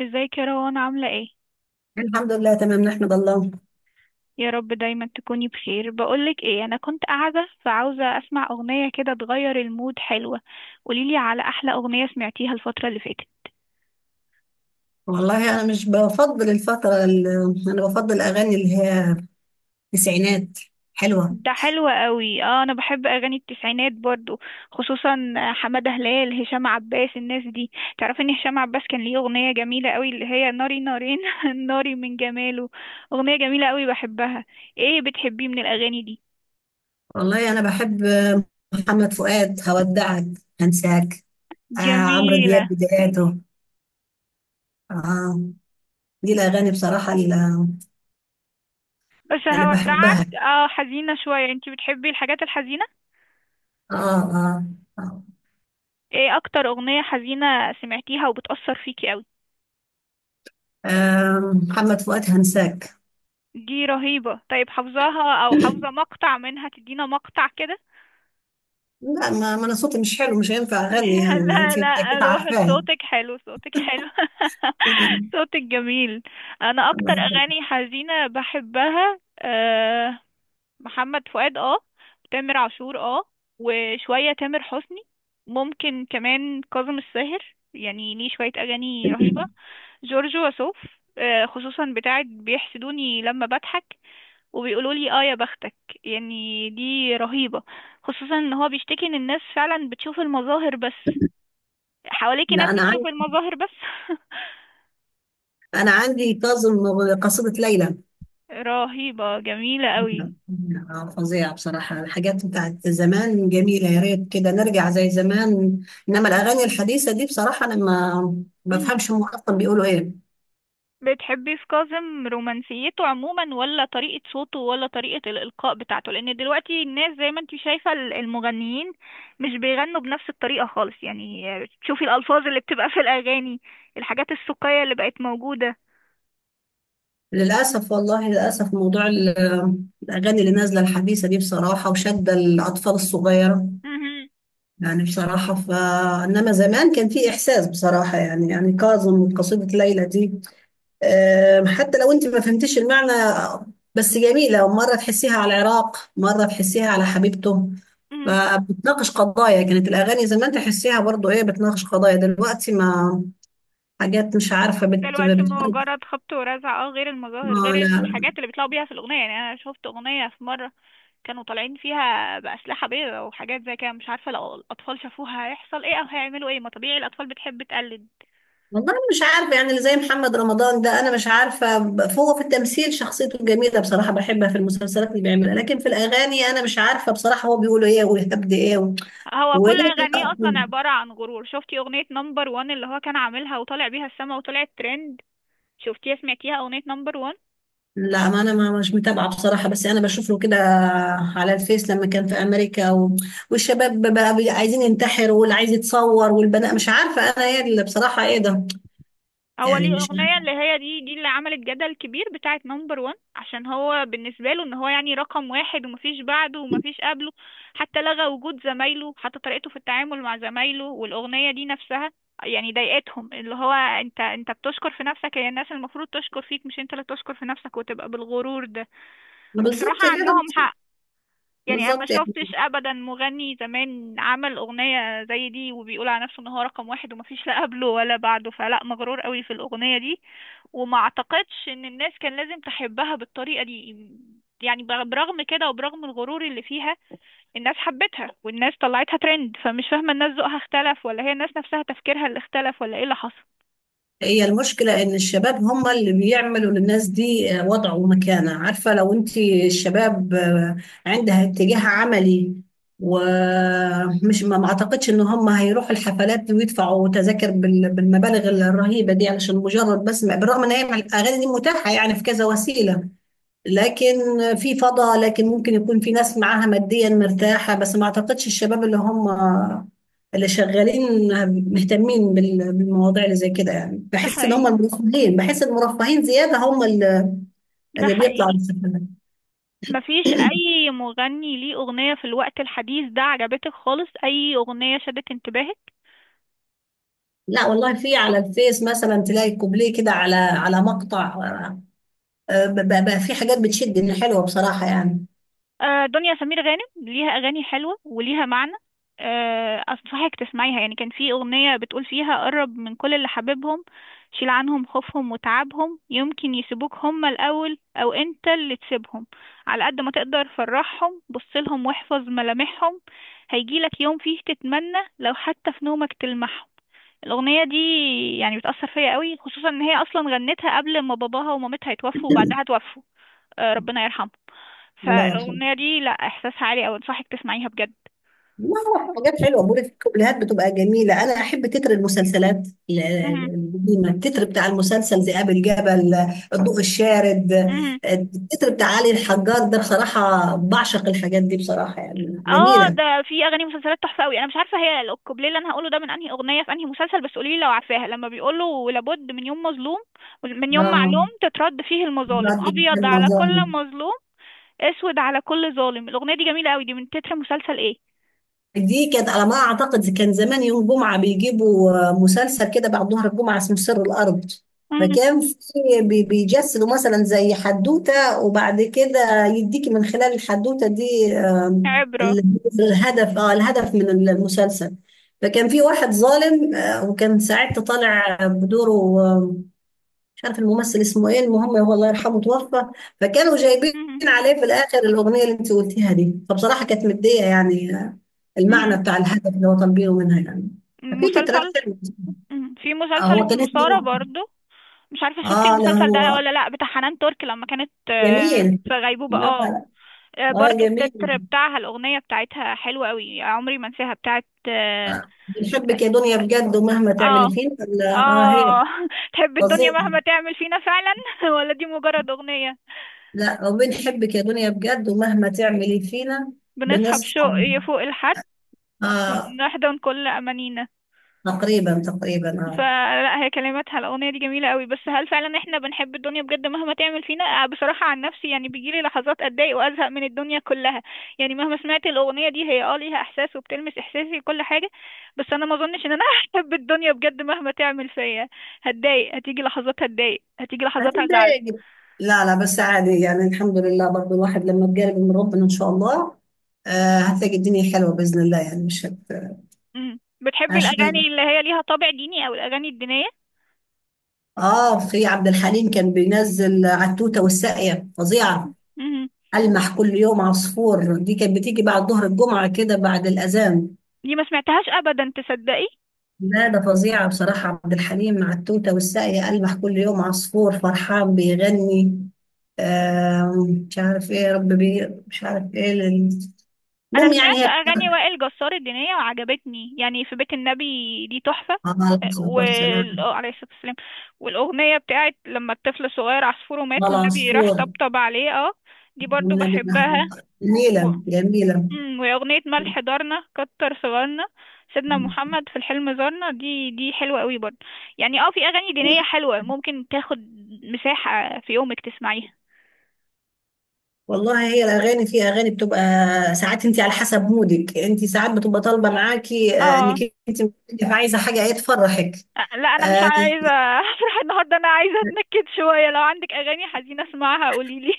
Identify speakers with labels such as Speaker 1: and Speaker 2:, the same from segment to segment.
Speaker 1: ازيك يا روان، عاملة ايه؟
Speaker 2: الحمد لله تمام، نحمد الله.
Speaker 1: يا رب دايما تكوني بخير. بقولك ايه، انا كنت قاعدة فعاوزة اسمع اغنية كده تغير المود، حلوة. قوليلي على احلى اغنية سمعتيها الفترة اللي فاتت.
Speaker 2: والله انا مش بفضل الفتره انا بفضل الاغاني اللي هي تسعينات حلوه.
Speaker 1: ده حلو قوي، اه، انا بحب اغاني التسعينات برضو. خصوصا حمادة هلال، هشام عباس، الناس دي. تعرفي ان هشام عباس كان ليه اغنية جميلة قوي اللي هي ناري نارين. ناري من جماله. اغنية جميلة قوي بحبها. ايه بتحبيه من الاغاني دي؟
Speaker 2: والله انا بحب محمد فؤاد هودعك هنساك. آه، عمرو دياب
Speaker 1: جميلة.
Speaker 2: بداياته. آه، دي الاغاني بصراحه اللي
Speaker 1: بس
Speaker 2: اللي
Speaker 1: هودعك
Speaker 2: بحبها.
Speaker 1: اه حزينة شوية. انتي بتحبي الحاجات الحزينة؟
Speaker 2: اه اه، آه.
Speaker 1: ايه اكتر اغنية حزينة سمعتيها وبتأثر فيكي قوي؟
Speaker 2: آه، محمد فؤاد هنساك.
Speaker 1: دي رهيبة. طيب حافظاها او حافظة مقطع منها؟ تدينا مقطع كده.
Speaker 2: لا، ما انا صوتي مش حلو، مش هينفع اغني، يعني ما
Speaker 1: لا
Speaker 2: انت
Speaker 1: لا
Speaker 2: اكيد
Speaker 1: روح،
Speaker 2: عارفاه.
Speaker 1: صوتك حلو، صوتك حلو.
Speaker 2: لا.
Speaker 1: صوتك جميل. انا اكتر
Speaker 2: الله يخليك.
Speaker 1: اغاني حزينة بحبها أه، محمد فؤاد اه، تامر عاشور اه، وشوية تامر حسني. ممكن كمان كاظم الساهر، يعني ليه شوية أغاني رهيبة. جورج وسوف. آه، خصوصا بتاعت بيحسدوني لما بضحك وبيقولوا لي اه يا بختك. يعني دي رهيبة. خصوصا ان هو بيشتكي ان الناس فعلا بتشوف المظاهر بس. حواليكي ناس
Speaker 2: لا، انا
Speaker 1: بتشوف المظاهر بس.
Speaker 2: انا عندي كاظم قصيدة ليلى.
Speaker 1: رهيبة جميلة قوي.
Speaker 2: آه، فظيعة بصراحة، الحاجات بتاعت زمان جميلة، يا ريت كده نرجع زي زمان. انما الاغاني الحديثة دي بصراحة انا ما بفهمش هم اصلا بيقولوا ايه.
Speaker 1: بتحبي في كاظم رومانسيته عموما، ولا طريقة صوته، ولا طريقة الإلقاء بتاعته؟ لأن دلوقتي الناس زي ما انتي شايفة المغنيين مش بيغنوا بنفس الطريقة خالص، يعني. تشوفي الألفاظ اللي بتبقى في الأغاني، الحاجات السوقية اللي بقت موجودة.
Speaker 2: للاسف والله للاسف، موضوع الاغاني اللي نازلة الحديثة دي بصراحة وشادة الاطفال الصغيرة.
Speaker 1: مهم.
Speaker 2: يعني بصراحة انما زمان كان في احساس بصراحة، يعني كاظم وقصيدة ليلى دي. حتى لو انت ما فهمتيش المعنى، بس جميلة، مرة تحسيها على العراق مرة تحسيها على حبيبته.
Speaker 1: مهم.
Speaker 2: فبتناقش قضايا، كانت الأغاني زمان تحسيها برضو، ايه بتناقش قضايا دلوقتي؟ ما حاجات مش عارفة بت
Speaker 1: دلوقتي
Speaker 2: بت
Speaker 1: مجرد خبط ورزع، اه، غير المظاهر،
Speaker 2: اه،
Speaker 1: غير
Speaker 2: لا، لا.
Speaker 1: الحاجات اللي بيطلعوا بيها في الأغنية. يعني أنا شفت أغنية في مرة كانوا طالعين فيها بأسلحة بيضاء وحاجات زي كده، مش عارفة لو الأطفال شافوها هيحصل ايه أو هيعملوا ايه. ما طبيعي الأطفال بتحب تقلد.
Speaker 2: والله أنا مش عارفة يعني اللي زي محمد رمضان ده، أنا مش عارفة، فهو في التمثيل شخصيته جميلة بصراحة بحبها في المسلسلات اللي بيعملها، لكن في الأغاني أنا مش عارفة بصراحة هو بيقول ايه ويهبد ايه.
Speaker 1: هو كل
Speaker 2: وايه؟
Speaker 1: اغانيه اصلا عباره عن غرور. شفتي اغنيه نمبر وان اللي هو كان عاملها وطالع بيها السما وطلعت ترند؟ شفتيها، سمعتيها اغنيه نمبر وان؟
Speaker 2: لا، ما انا ما مش متابعه بصراحه، بس انا بشوف له كده على الفيس لما كان في امريكا. والشباب بقى عايزين ينتحر، واللي عايز يتصور، والبنات مش عارفه انا ايه اللي، بصراحه ايه ده؟
Speaker 1: هو
Speaker 2: يعني
Speaker 1: ليه
Speaker 2: مش
Speaker 1: اغنيه اللي
Speaker 2: عارفة.
Speaker 1: هي دي اللي عملت جدل كبير، بتاعه نمبر وان، عشان هو بالنسبه له ان هو يعني رقم واحد ومفيش بعده ومفيش قبله. حتى لغى وجود زمايله، حتى طريقته في التعامل مع زمايله، والاغنيه دي نفسها يعني ضايقتهم، اللي هو انت بتشكر في نفسك، هي الناس المفروض تشكر فيك مش انت اللي تشكر في نفسك وتبقى بالغرور ده. وبصراحه
Speaker 2: بالظبط كده.
Speaker 1: عندهم حق. يعني انا ما
Speaker 2: بالظبط يعني.
Speaker 1: شفتش ابدا مغني زمان عمل اغنيه زي دي وبيقول على نفسه ان هو رقم واحد ومفيش لا قبله ولا بعده، فلا مغرور قوي في الاغنيه دي. وما اعتقدش ان الناس كان لازم تحبها بالطريقه دي. يعني برغم كده وبرغم الغرور اللي فيها الناس حبتها، والناس طلعتها ترند، فمش فاهمه، الناس ذوقها اختلف، ولا هي الناس نفسها تفكيرها اللي اختلف، ولا ايه اللي حصل؟
Speaker 2: هي المشكلة إن الشباب هم اللي بيعملوا للناس دي وضع ومكانة. عارفة لو أنت الشباب عندها اتجاه عملي. ومش ما أعتقدش إن هم هيروحوا الحفلات ويدفعوا تذاكر بالمبالغ الرهيبة دي، علشان مجرد بس بالرغم إن هي الأغاني دي متاحة يعني في كذا وسيلة. لكن في فضا، لكن ممكن يكون في ناس معاها ماديا مرتاحة، بس ما اعتقدش الشباب اللي هم اللي شغالين مهتمين بالمواضيع اللي زي كده، يعني
Speaker 1: ده
Speaker 2: بحس ان هم
Speaker 1: حقيقي.
Speaker 2: المرفهين، بحس المرفهين زيادة هم اللي
Speaker 1: ده
Speaker 2: اللي بيطلعوا
Speaker 1: حقيقي.
Speaker 2: للسفر.
Speaker 1: مفيش اي مغني ليه اغنيه في الوقت الحديث ده عجبتك خالص؟ اي اغنيه شدت انتباهك؟
Speaker 2: لا والله، في على الفيس مثلا تلاقي كوبليه كده على مقطع. آه، بقى في حاجات بتشد، ان حلوة بصراحة يعني.
Speaker 1: آه، دنيا سمير غانم ليها اغاني حلوه وليها معنى. آه، انصحك تسمعيها. يعني كان في اغنيه بتقول فيها: قرب من كل اللي حبيبهم، شيل عنهم خوفهم وتعبهم، يمكن يسيبوك هما الاول او انت اللي تسيبهم، على قد ما تقدر فرحهم، بصلهم واحفظ ملامحهم، هيجيلك يوم فيه تتمنى لو حتى في نومك تلمحهم. الأغنية دي يعني بتأثر فيا قوي، خصوصا إن هي أصلا غنتها قبل ما باباها ومامتها يتوفوا وبعدها توفوا. آه، ربنا يرحمها.
Speaker 2: الله يرحمه.
Speaker 1: فالاغنيه دي لا، احساسها عالي، او انصحك تسمعيها بجد.
Speaker 2: لا، لا، حاجات حلوه، بقول لك الكوبليهات بتبقى جميله، انا احب تتر المسلسلات
Speaker 1: مهم.
Speaker 2: القديمه. التتر بتاع المسلسل ذئاب الجبل. الضوء الشارد.
Speaker 1: مهم.
Speaker 2: التتر بتاع علي الحجار ده بصراحه بعشق الحاجات دي بصراحه، يعني
Speaker 1: اه
Speaker 2: جميله.
Speaker 1: ده. في اغاني مسلسلات تحفه قوي. انا مش عارفه هي الكوبليه اللي انا هقوله ده من انهي اغنيه في انهي مسلسل، بس قولي لي لو عارفاها. لما بيقولوا: لابد من يوم مظلوم، من يوم
Speaker 2: اه،
Speaker 1: معلوم تترد فيه المظالم،
Speaker 2: برد في
Speaker 1: ابيض على كل
Speaker 2: المظالم.
Speaker 1: مظلوم، اسود على كل ظالم. الاغنيه دي جميله قوي. دي من تتر مسلسل ايه؟
Speaker 2: دي كانت على ما اعتقد، كان زمان يوم جمعه بيجيبوا مسلسل كده بعد ظهر الجمعه اسمه سر الارض.
Speaker 1: مم.
Speaker 2: فكان في بيجسدوا مثلا زي حدوته، وبعد كده يديكي من خلال الحدوته دي
Speaker 1: عبره.
Speaker 2: الهدف، الهدف من المسلسل. فكان في واحد ظالم وكان ساعتها طالع بدوره. مش عارف الممثل اسمه ايه، المهم هو الله يرحمه توفى. فكانوا جايبين
Speaker 1: مهم.
Speaker 2: عليه في الاخر الاغنيه اللي انت قلتيها دي، فبصراحه كانت مديه يعني. المعنى
Speaker 1: مهم.
Speaker 2: بتاع الهدف اللي هو كان بينه منها يعني. ففي تترات
Speaker 1: مسلسل.
Speaker 2: حلوه.
Speaker 1: مهم. في
Speaker 2: آه،
Speaker 1: مسلسل
Speaker 2: هو كان
Speaker 1: اسمه سارة
Speaker 2: اسمه.
Speaker 1: برضو. مش عارفة شفتي
Speaker 2: اه، لا،
Speaker 1: المسلسل ده
Speaker 2: هو
Speaker 1: ولا لأ؟ بتاع حنان ترك لما كانت، آه،
Speaker 2: جميل.
Speaker 1: في غيبوبة اه.
Speaker 2: اه.
Speaker 1: آه،
Speaker 2: آه،
Speaker 1: برضو
Speaker 2: جميل.
Speaker 1: التتر بتاعها، الأغنية بتاعتها حلوة قوي، عمري ما انساها، بتاعت اه.
Speaker 2: آه. بنحبك يا دنيا بجد ومهما تعملي
Speaker 1: اه.
Speaker 2: فينا. لا، اه، هي
Speaker 1: آه. تحب الدنيا
Speaker 2: فظيعه.
Speaker 1: مهما تعمل فينا فعلا ولا دي مجرد أغنية؟
Speaker 2: لا، وبنحبك يا دنيا بجد ومهما تعملي فينا.
Speaker 1: بنصحى
Speaker 2: بنصحى.
Speaker 1: بشوق فوق الحد،
Speaker 2: اه.
Speaker 1: ونحضن كل أمانينا.
Speaker 2: تقريبا تقريبا اه.
Speaker 1: فلا، هي كلماتها الأغنية دي جميلة قوي، بس هل فعلا احنا بنحب الدنيا بجد مهما تعمل فينا؟ آه، بصراحة عن نفسي يعني بيجيلي لحظات أتضايق وأزهق من الدنيا كلها. يعني مهما سمعت الأغنية دي، هي اه ليها إحساس وبتلمس إحساسي وكل حاجة. بس أنا ما أظنش إن أنا هحب الدنيا بجد مهما تعمل فيا. هتضايق، هتيجي لحظات هتضايق، هتيجي لحظات هزعل.
Speaker 2: هتتضايق. لا، لا، بس عادي يعني الحمد لله، برضو الواحد لما بيقرب من ربنا ان شاء الله، آه، هتلاقي الدنيا حلوه باذن الله، يعني مش.
Speaker 1: مم. بتحبي الأغاني
Speaker 2: عشان.
Speaker 1: اللي هي ليها طابع ديني، أو الأغاني الدينية؟
Speaker 2: اه، في عبد الحليم كان بينزل على التوته والساقيه فظيعه.
Speaker 1: مم.
Speaker 2: المح كل يوم عصفور دي كانت بتيجي بعد ظهر الجمعه كده بعد الاذان.
Speaker 1: دي ما سمعتهاش أبدا، تصدقي؟
Speaker 2: لا، ده فظيعه بصراحه، عبد الحليم مع التوته والساقيه المح كل يوم عصفور فرحان بيغني. آه، مش عارف ايه يا رب مش عارف ايه.
Speaker 1: انا
Speaker 2: المهم يعني
Speaker 1: سمعت
Speaker 2: هي.
Speaker 1: اغاني وائل جسار الدينيه وعجبتني، يعني في بيت النبي، دي تحفه.
Speaker 2: عليه الصلاة والسلام.
Speaker 1: آه، عليه الصلاة والسلام. والأغنية بتاعت لما الطفل صغير عصفوره مات والنبي راح
Speaker 2: والعصفور
Speaker 1: طبطب عليه، اه. دي برضو
Speaker 2: والنبي
Speaker 1: بحبها.
Speaker 2: أحمد،
Speaker 1: و...
Speaker 2: جميلة جميلة.
Speaker 1: مم، وأغنية ملح دارنا كتر صغارنا، سيدنا محمد في الحلم زارنا، دي حلوة قوي برضو. يعني اه في أغاني دينية حلوة ممكن تاخد مساحة في يومك تسمعيها.
Speaker 2: والله هي الأغاني، في أغاني بتبقى ساعات أنت على حسب مودك، أنت ساعات بتبقى طالبة معاكي
Speaker 1: اه،
Speaker 2: إنك أنت عايزة حاجة إيه تفرحك.
Speaker 1: لا انا مش
Speaker 2: آه،
Speaker 1: عايزه افرح النهارده. انا عايزه اتنكد شويه، لو عندك اغاني حزينه اسمعها قوليلي.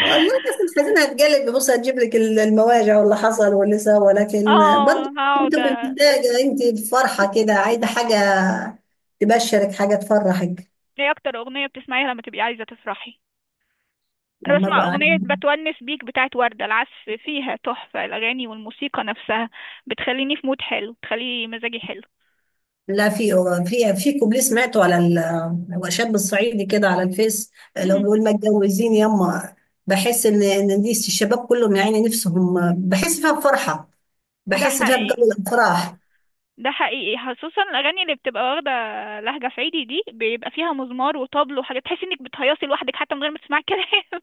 Speaker 2: والله الناس الحزينة هتجلب، بص هتجيب لك المواجع واللي حصل واللي سوى، ولكن
Speaker 1: اه
Speaker 2: برضه
Speaker 1: هقعد.
Speaker 2: بتبقي محتاجة أنت فرحة كده، عايزة حاجة تبشرك حاجة تفرحك.
Speaker 1: ايه اكتر اغنية بتسمعيها لما تبقي عايزة تفرحي؟ انا
Speaker 2: لما
Speaker 1: بسمع
Speaker 2: أبقى قاعدة.
Speaker 1: اغنية بتونس بيك بتاعت وردة، العزف فيها تحفة، الاغاني والموسيقى نفسها بتخليني في مود حلو، بتخلي مزاجي حلو.
Speaker 2: لا، في كوبليه سمعته على شاب الصعيدي كده على الفيس. لو
Speaker 1: مم.
Speaker 2: بيقول ما اتجوزين يما، بحس ان دي الشباب كلهم يعني نفسهم، بحس فيها بفرحه.
Speaker 1: ده
Speaker 2: بحس فيها بجو
Speaker 1: حقيقي.
Speaker 2: الافراح.
Speaker 1: ده حقيقي، خصوصا الاغاني اللي بتبقى واخدة لهجة صعيدي دي بيبقى فيها مزمار وطبل وحاجات تحسي انك بتهيصي لوحدك حتى من غير ما تسمعي كلام.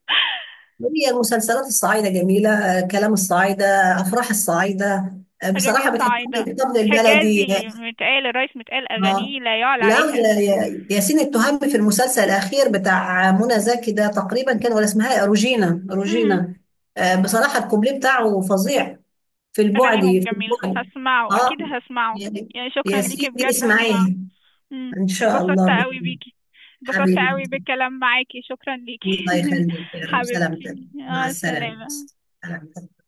Speaker 2: هي المسلسلات الصعيده جميله. آه، كلام الصعيده. افراح الصعيده. آه،
Speaker 1: اغاني
Speaker 2: بصراحه بتحب
Speaker 1: صعيدة.
Speaker 2: الطبل البلدي.
Speaker 1: حجازي متقال، الرئيس متقال،
Speaker 2: اه،
Speaker 1: اغانيه لا يعلى
Speaker 2: لا،
Speaker 1: عليها.
Speaker 2: ياسين التهامي في المسلسل الاخير بتاع منى زكي ده تقريبا كان، ولا اسمها إيه؟ روجينا، روجينا. آه، بصراحه الكوبليه بتاعه فظيع. في البعد،
Speaker 1: أغانيهم
Speaker 2: في
Speaker 1: جميلة،
Speaker 2: البعد.
Speaker 1: هسمعه أكيد
Speaker 2: اه،
Speaker 1: هسمعه.
Speaker 2: يا
Speaker 1: يعني شكرا
Speaker 2: يا
Speaker 1: ليكي
Speaker 2: سيدي
Speaker 1: بجد، هسمعه.
Speaker 2: اسمعيه.
Speaker 1: مم.
Speaker 2: ان شاء الله
Speaker 1: اتبسطت
Speaker 2: بإذن
Speaker 1: قوي
Speaker 2: الله.
Speaker 1: بيكي، اتبسطت
Speaker 2: حبيبي.
Speaker 1: قوي بالكلام معاكي، شكرا ليكي
Speaker 2: الله يخليك يا رب، سلامتك.
Speaker 1: حبيبتي
Speaker 2: مع
Speaker 1: مع
Speaker 2: السلامه.
Speaker 1: السلامة.
Speaker 2: سلامتك.